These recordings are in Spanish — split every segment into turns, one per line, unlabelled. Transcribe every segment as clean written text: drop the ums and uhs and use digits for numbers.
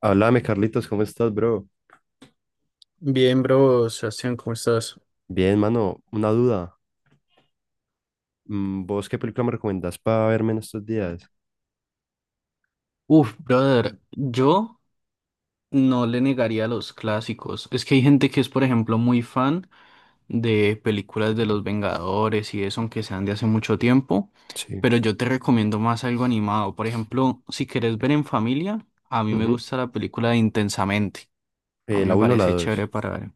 Háblame, Carlitos, ¿cómo estás, bro?
Bien, bro, Sebastián, ¿cómo estás?
Bien, mano, una duda. ¿Vos qué película me recomendás para verme en estos días?
Brother, yo no le negaría los clásicos. Es que hay gente que es, por ejemplo, muy fan de películas de los Vengadores y eso, aunque sean de hace mucho tiempo,
Sí.
pero yo te recomiendo más algo animado. Por ejemplo, si quieres ver en familia, a mí me
Ujú.
gusta la película de Intensamente. A
Eh,
mí
la
me
uno o la
parece chévere
dos.
para ver.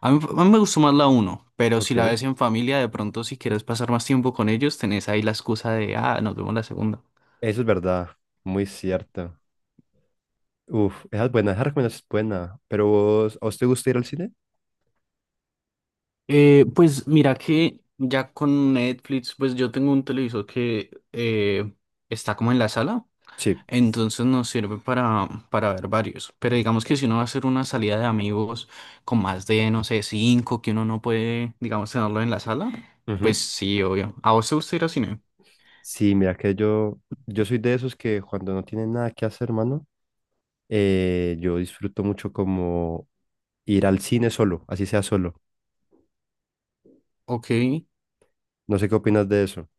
A mí me gustó más la uno, pero si
Ok.
la
Eso
ves en familia, de pronto si quieres pasar más tiempo con ellos, tenés ahí la excusa de, ah, nos vemos la segunda.
es verdad, muy cierto. Uf, esa es buena, esa recomendación es buena. Pero vos, ¿a vos te gusta ir al cine?
Pues mira que ya con Netflix, pues yo tengo un televisor que está como en la sala,
Sí.
entonces nos sirve para ver varios. Pero digamos que si uno va a hacer una salida de amigos con más de, no sé, cinco, que uno no puede, digamos, tenerlo en la sala,
Ujú.
pues sí, obvio. ¿A vos te gusta ir al cine?
Sí, mira que yo soy de esos que cuando no tienen nada que hacer, mano, yo disfruto mucho como ir al cine solo, así sea solo.
Ok.
No sé qué opinas de eso,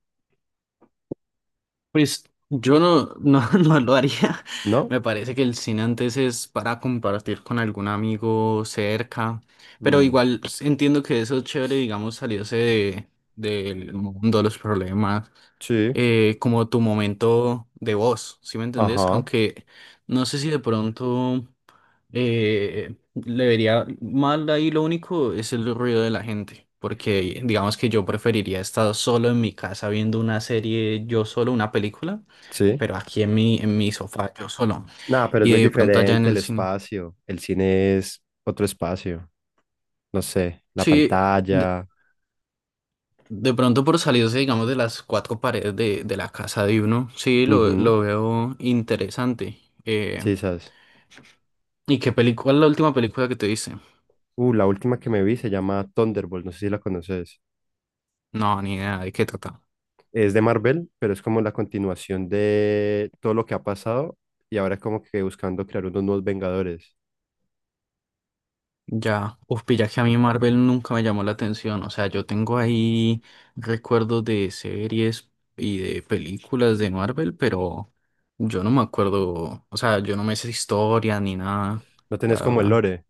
Pues yo no, no lo haría.
¿no?
Me parece que el cine antes es para compartir con algún amigo cerca. Pero
Mm,
igual entiendo que eso es chévere, digamos, salirse del mundo, los problemas,
sí,
como tu momento de voz, ¿sí me entendés?
ajá.
Aunque no sé si de pronto. Le vería mal ahí lo único es el ruido de la gente, porque digamos que yo preferiría estar solo en mi casa viendo una serie, yo solo, una película, pero
Sí.
aquí en mi sofá, yo solo,
Nada, pero es muy
y de pronto allá en
diferente el
el cine.
espacio. El cine es otro espacio. No sé, la
Sí, de,
pantalla.
de pronto por salirse, digamos, de las cuatro paredes de la casa de uno, sí,
Ujú.
lo veo interesante.
Sí, sabes.
¿Y qué película, cuál es la última película que te dice?
La última que me vi se llama Thunderbolt. No sé si la conoces.
No, ni idea de qué trata.
Es de Marvel, pero es como la continuación de todo lo que ha pasado y ahora es como que buscando crear unos nuevos Vengadores.
Ya, uf, pilla que a mí Marvel nunca me llamó la atención. O sea, yo tengo ahí recuerdos de series y de películas de Marvel, pero yo no me acuerdo. O sea, yo no me sé historia ni nada,
No
la
tenés como el
verdad.
lore.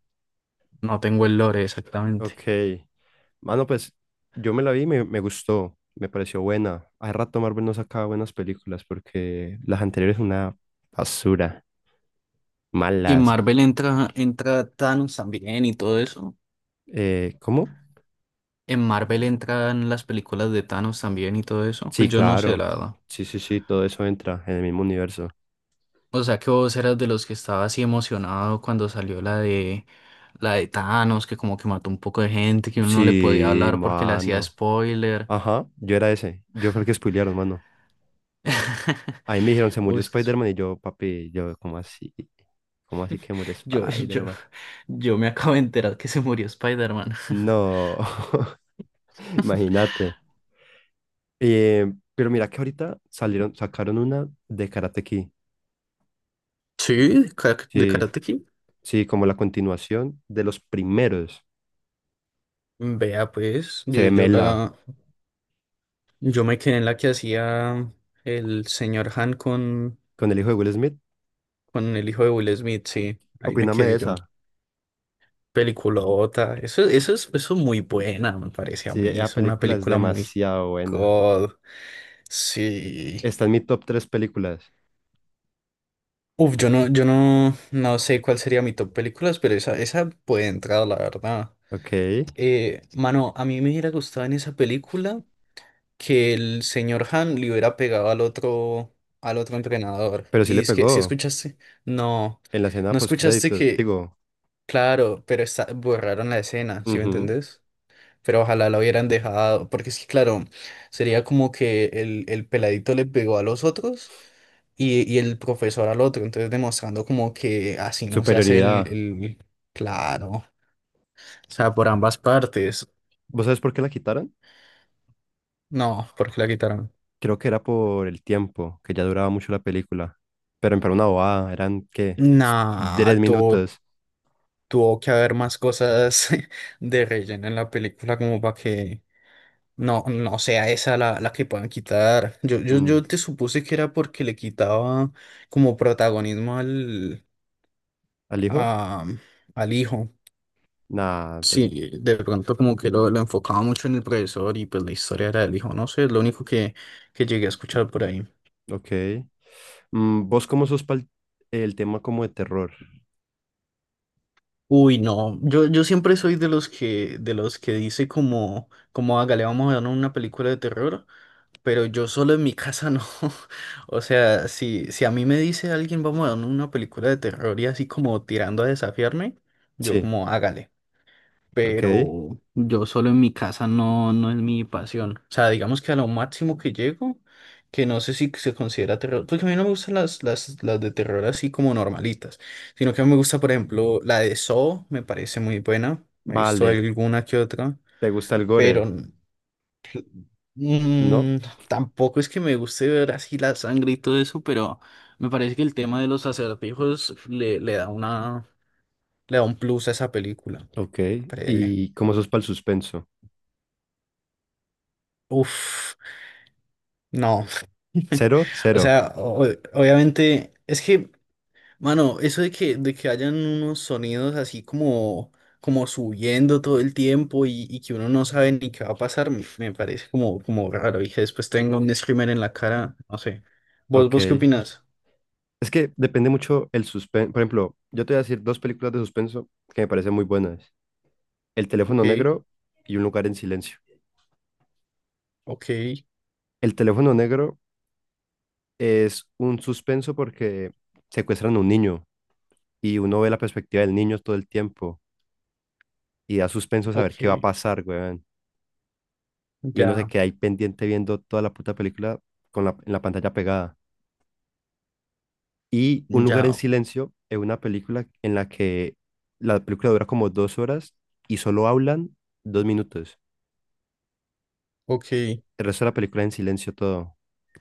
No tengo el lore exactamente.
Ok. Mano, pues yo me la vi y me gustó. Me pareció buena. Hace rato Marvel no sacaba buenas películas porque las anteriores una basura,
Y en
malas.
Marvel entra Thanos también y todo eso.
¿Cómo?
En Marvel entran las películas de Thanos también y todo eso.
Sí,
Pues yo no sé,
claro.
la verdad.
Sí, sí, sí, todo eso entra en el mismo universo.
O sea que vos eras de los que estaba así emocionado cuando salió la de Thanos, que como que mató un poco de gente, que uno no le podía
Sí,
hablar porque le hacía
mano.
spoiler.
Ajá, yo era ese. Yo fue el que spoilearon, mano. Ahí me dijeron, se
Uy,
murió Spider-Man y yo, papi, yo, ¿cómo así? ¿Cómo así que murió
yo, yo,
Spider-Man?
yo me acabo de enterar que se murió Spider-Man.
No, imagínate. Pero mira que ahorita salieron, sacaron una de Karate Kid.
Sí, de
Sí,
Karate Kid.
sí, como la continuación de los primeros.
Vea, pues,
Se ve mela
yo me quedé en la que hacía el señor Han
con el hijo de Will Smith.
con el hijo de Will Smith, sí, ahí me
Opíname de
quedé yo.
esa.
Peliculota. Eso es muy buena, me parece a
Sí,
mí.
la
Es una
película es
película muy
demasiado buena.
God. Sí.
Está en mi top 3 películas.
Uf, yo no, no sé cuál sería mi top películas, pero esa puede entrar, la verdad.
Ok.
Mano, a mí me hubiera gustado en esa película que el señor Han le hubiera pegado al otro entrenador.
Pero sí
Y
le
es que, ¿si
pegó
escuchaste? No,
en la escena
no escuchaste
postcrédito.
que,
Digo,
claro, pero está, borraron la escena, ¿sí me
ujú,
entendés? Pero ojalá la hubieran dejado, porque es que claro, sería como que el peladito le pegó a los otros y el profesor al otro, entonces demostrando como que así no se hace
superioridad.
el... Claro, o sea, por ambas partes.
¿Vos sabés por qué la quitaron?
No, porque la quitaron.
Creo que era por el tiempo, que ya duraba mucho la película. Pero en una bobada, eran, ¿qué?
Nah,
Tres
tu-
minutos.
tuvo que haber más cosas de relleno en la película como para que no sea esa la que puedan quitar.
Mm,
Yo te supuse que era porque le quitaba como protagonismo al...
¿al hijo?
a- al hijo.
Nah, pues,
Sí, de pronto como que lo enfocaba mucho en el profesor y pues la historia era del hijo, no sé, es lo único que llegué a escuchar por ahí.
ok. ¿Vos cómo sos para el tema como de terror?
Uy, no, yo siempre soy de los de los que dice como, como hágale, vamos a ver una película de terror, pero yo solo en mi casa no. O sea, si a mí me dice alguien, vamos a ver una película de terror y así como tirando a desafiarme, yo
Sí,
como hágale.
ok.
Pero yo solo en mi casa no, no es mi pasión. O sea, digamos que a lo máximo que llego, que no sé si se considera terror, porque a mí no me gustan las de terror así como normalitas, sino que me gusta, por ejemplo, la de Saw, me parece muy buena, me he visto
Vale,
alguna que otra,
¿te gusta el
pero
gore? ¿No?
mm, tampoco es que me guste ver así la sangre y todo eso, pero me parece que el tema de los acertijos le da una, le da un plus a esa película.
Ok,
Pre-
¿y cómo sos para el suspenso?
Uf, no.
¿Cero?
O
Cero.
sea, obviamente, es que, mano, eso de de que hayan unos sonidos así como, como subiendo todo el tiempo y que uno no sabe ni qué va a pasar, me parece como, como raro. Y que después tenga un screamer en la cara, no sé. Vos qué
Ok.
opinas?
Es que depende mucho el suspenso. Por ejemplo, yo te voy a decir dos películas de suspenso que me parecen muy buenas. El teléfono
Ok,
negro y Un lugar en silencio.
ok,
El teléfono negro es un suspenso porque secuestran a un niño y uno ve la perspectiva del niño todo el tiempo y da suspenso saber
ok,
qué va a pasar, weón. Y uno se
ya,
queda ahí pendiente viendo toda la puta película con en la pantalla pegada. Y Un lugar en
ya,
silencio es una película en la que la película dura como 2 horas y solo hablan 2 minutos.
ok.
El resto de la película en silencio todo,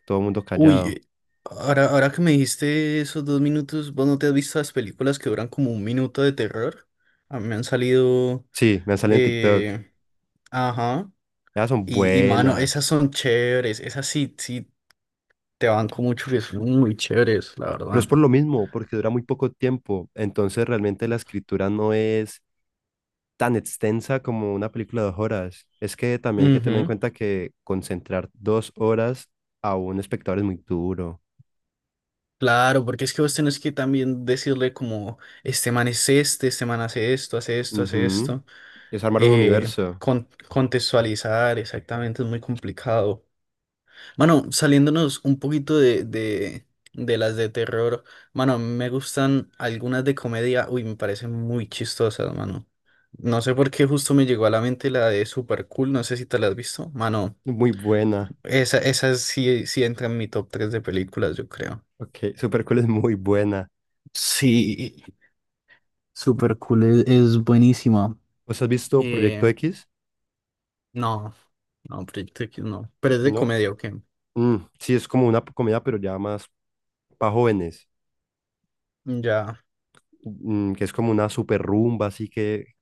todo el mundo
Uy,
callado.
ahora que me dijiste esos dos minutos, ¿vos no te has visto las películas que duran como un minuto de terror? A mí me han salido.
Sí, me han salido en TikTok.
Eh, ajá.
Ellas son
Y mano, esas
buenas,
son chéveres. Esas sí, te banco mucho que son muy chéveres, la
pero es
verdad.
por lo mismo, porque dura muy poco tiempo. Entonces realmente la escritura no es tan extensa como una película de 2 horas. Es que también hay que tener en
Ujú,
cuenta que concentrar 2 horas a un espectador es muy duro.
claro, porque es que vos tenés que también decirle como, este man es este este man hace esto, hace esto, hace
Ujú.
esto.
Es armar un
Eh,
universo.
contextualizar, exactamente, es muy complicado. Mano, saliéndonos un poquito de las de terror, mano, me gustan algunas de comedia, uy, me parecen muy chistosas, mano. No sé por qué justo me llegó a la mente la de Super Cool, no sé si te la has visto, mano.
Muy buena.
Esa sí, sí entra en mi top tres de películas, yo creo.
Ok, Supercool es muy buena.
Sí, Super Cool es buenísima.
¿Vos has visto Proyecto
Eh,
X?
no, no, Proyecto X no. Pero es de
No.
comedia, ok.
Mm, sí, es como una comedia, pero ya más para jóvenes.
Ya,
Que es como una super rumba, así que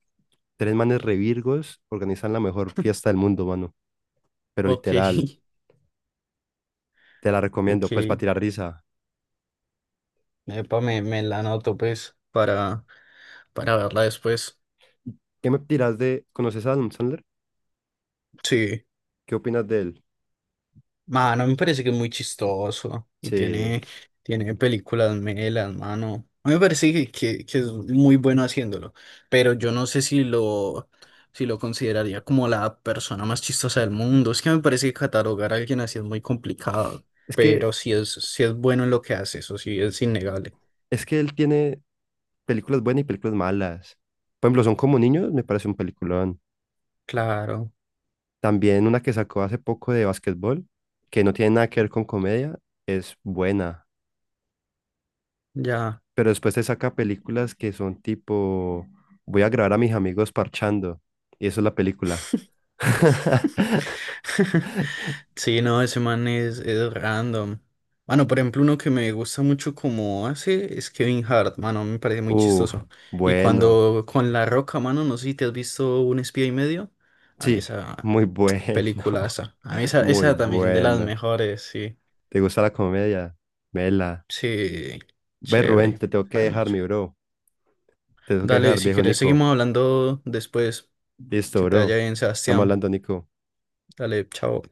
tres manes revirgos organizan la mejor fiesta del mundo, mano. Pero
ok,
literal, te la recomiendo,
ok.
pues para tirar risa.
Epa, me la anoto, pues, para verla después.
¿Qué me tiras de... ¿Conoces a Adam Sandler?
Sí,
¿Qué opinas de él?
mano, me parece que es muy chistoso y
Sí.
tiene, tiene películas melas, mano. A mí me parece que es muy bueno haciéndolo, pero yo no sé si si lo consideraría como la persona más chistosa del mundo. Es que me parece que catalogar a alguien así es muy complicado,
Es que,
pero si si es bueno en lo que hace, eso sí es innegable.
es que él tiene películas buenas y películas malas. Por ejemplo, Son como niños, me parece un película.
Claro,
También una que sacó hace poco de básquetbol, que no tiene nada que ver con comedia, es buena.
ya.
Pero después te saca películas que son tipo, voy a grabar a mis amigos parchando. Y eso es la película.
Sí, no, ese man es random. Bueno, por ejemplo, uno que me gusta mucho como hace es Kevin Hart, mano, me parece muy
Uf,
chistoso. Y
bueno.
cuando con La Roca, mano, no sé si te has visto Un espía y medio. A mí
Sí,
esa
muy bueno.
peliculaza. A mí
Muy
esa también de las
bueno.
mejores, sí.
¿Te gusta la comedia? Vela.
Sí,
Ve, Rubén,
chévere,
te tengo que
fue
dejar,
mucho.
mi bro. Te tengo que
Dale,
dejar,
si
viejo
quieres,
Nico.
seguimos hablando después.
Listo,
Que te vaya
bro.
bien,
Estamos
Sebastián.
hablando, Nico.
Dale, chao.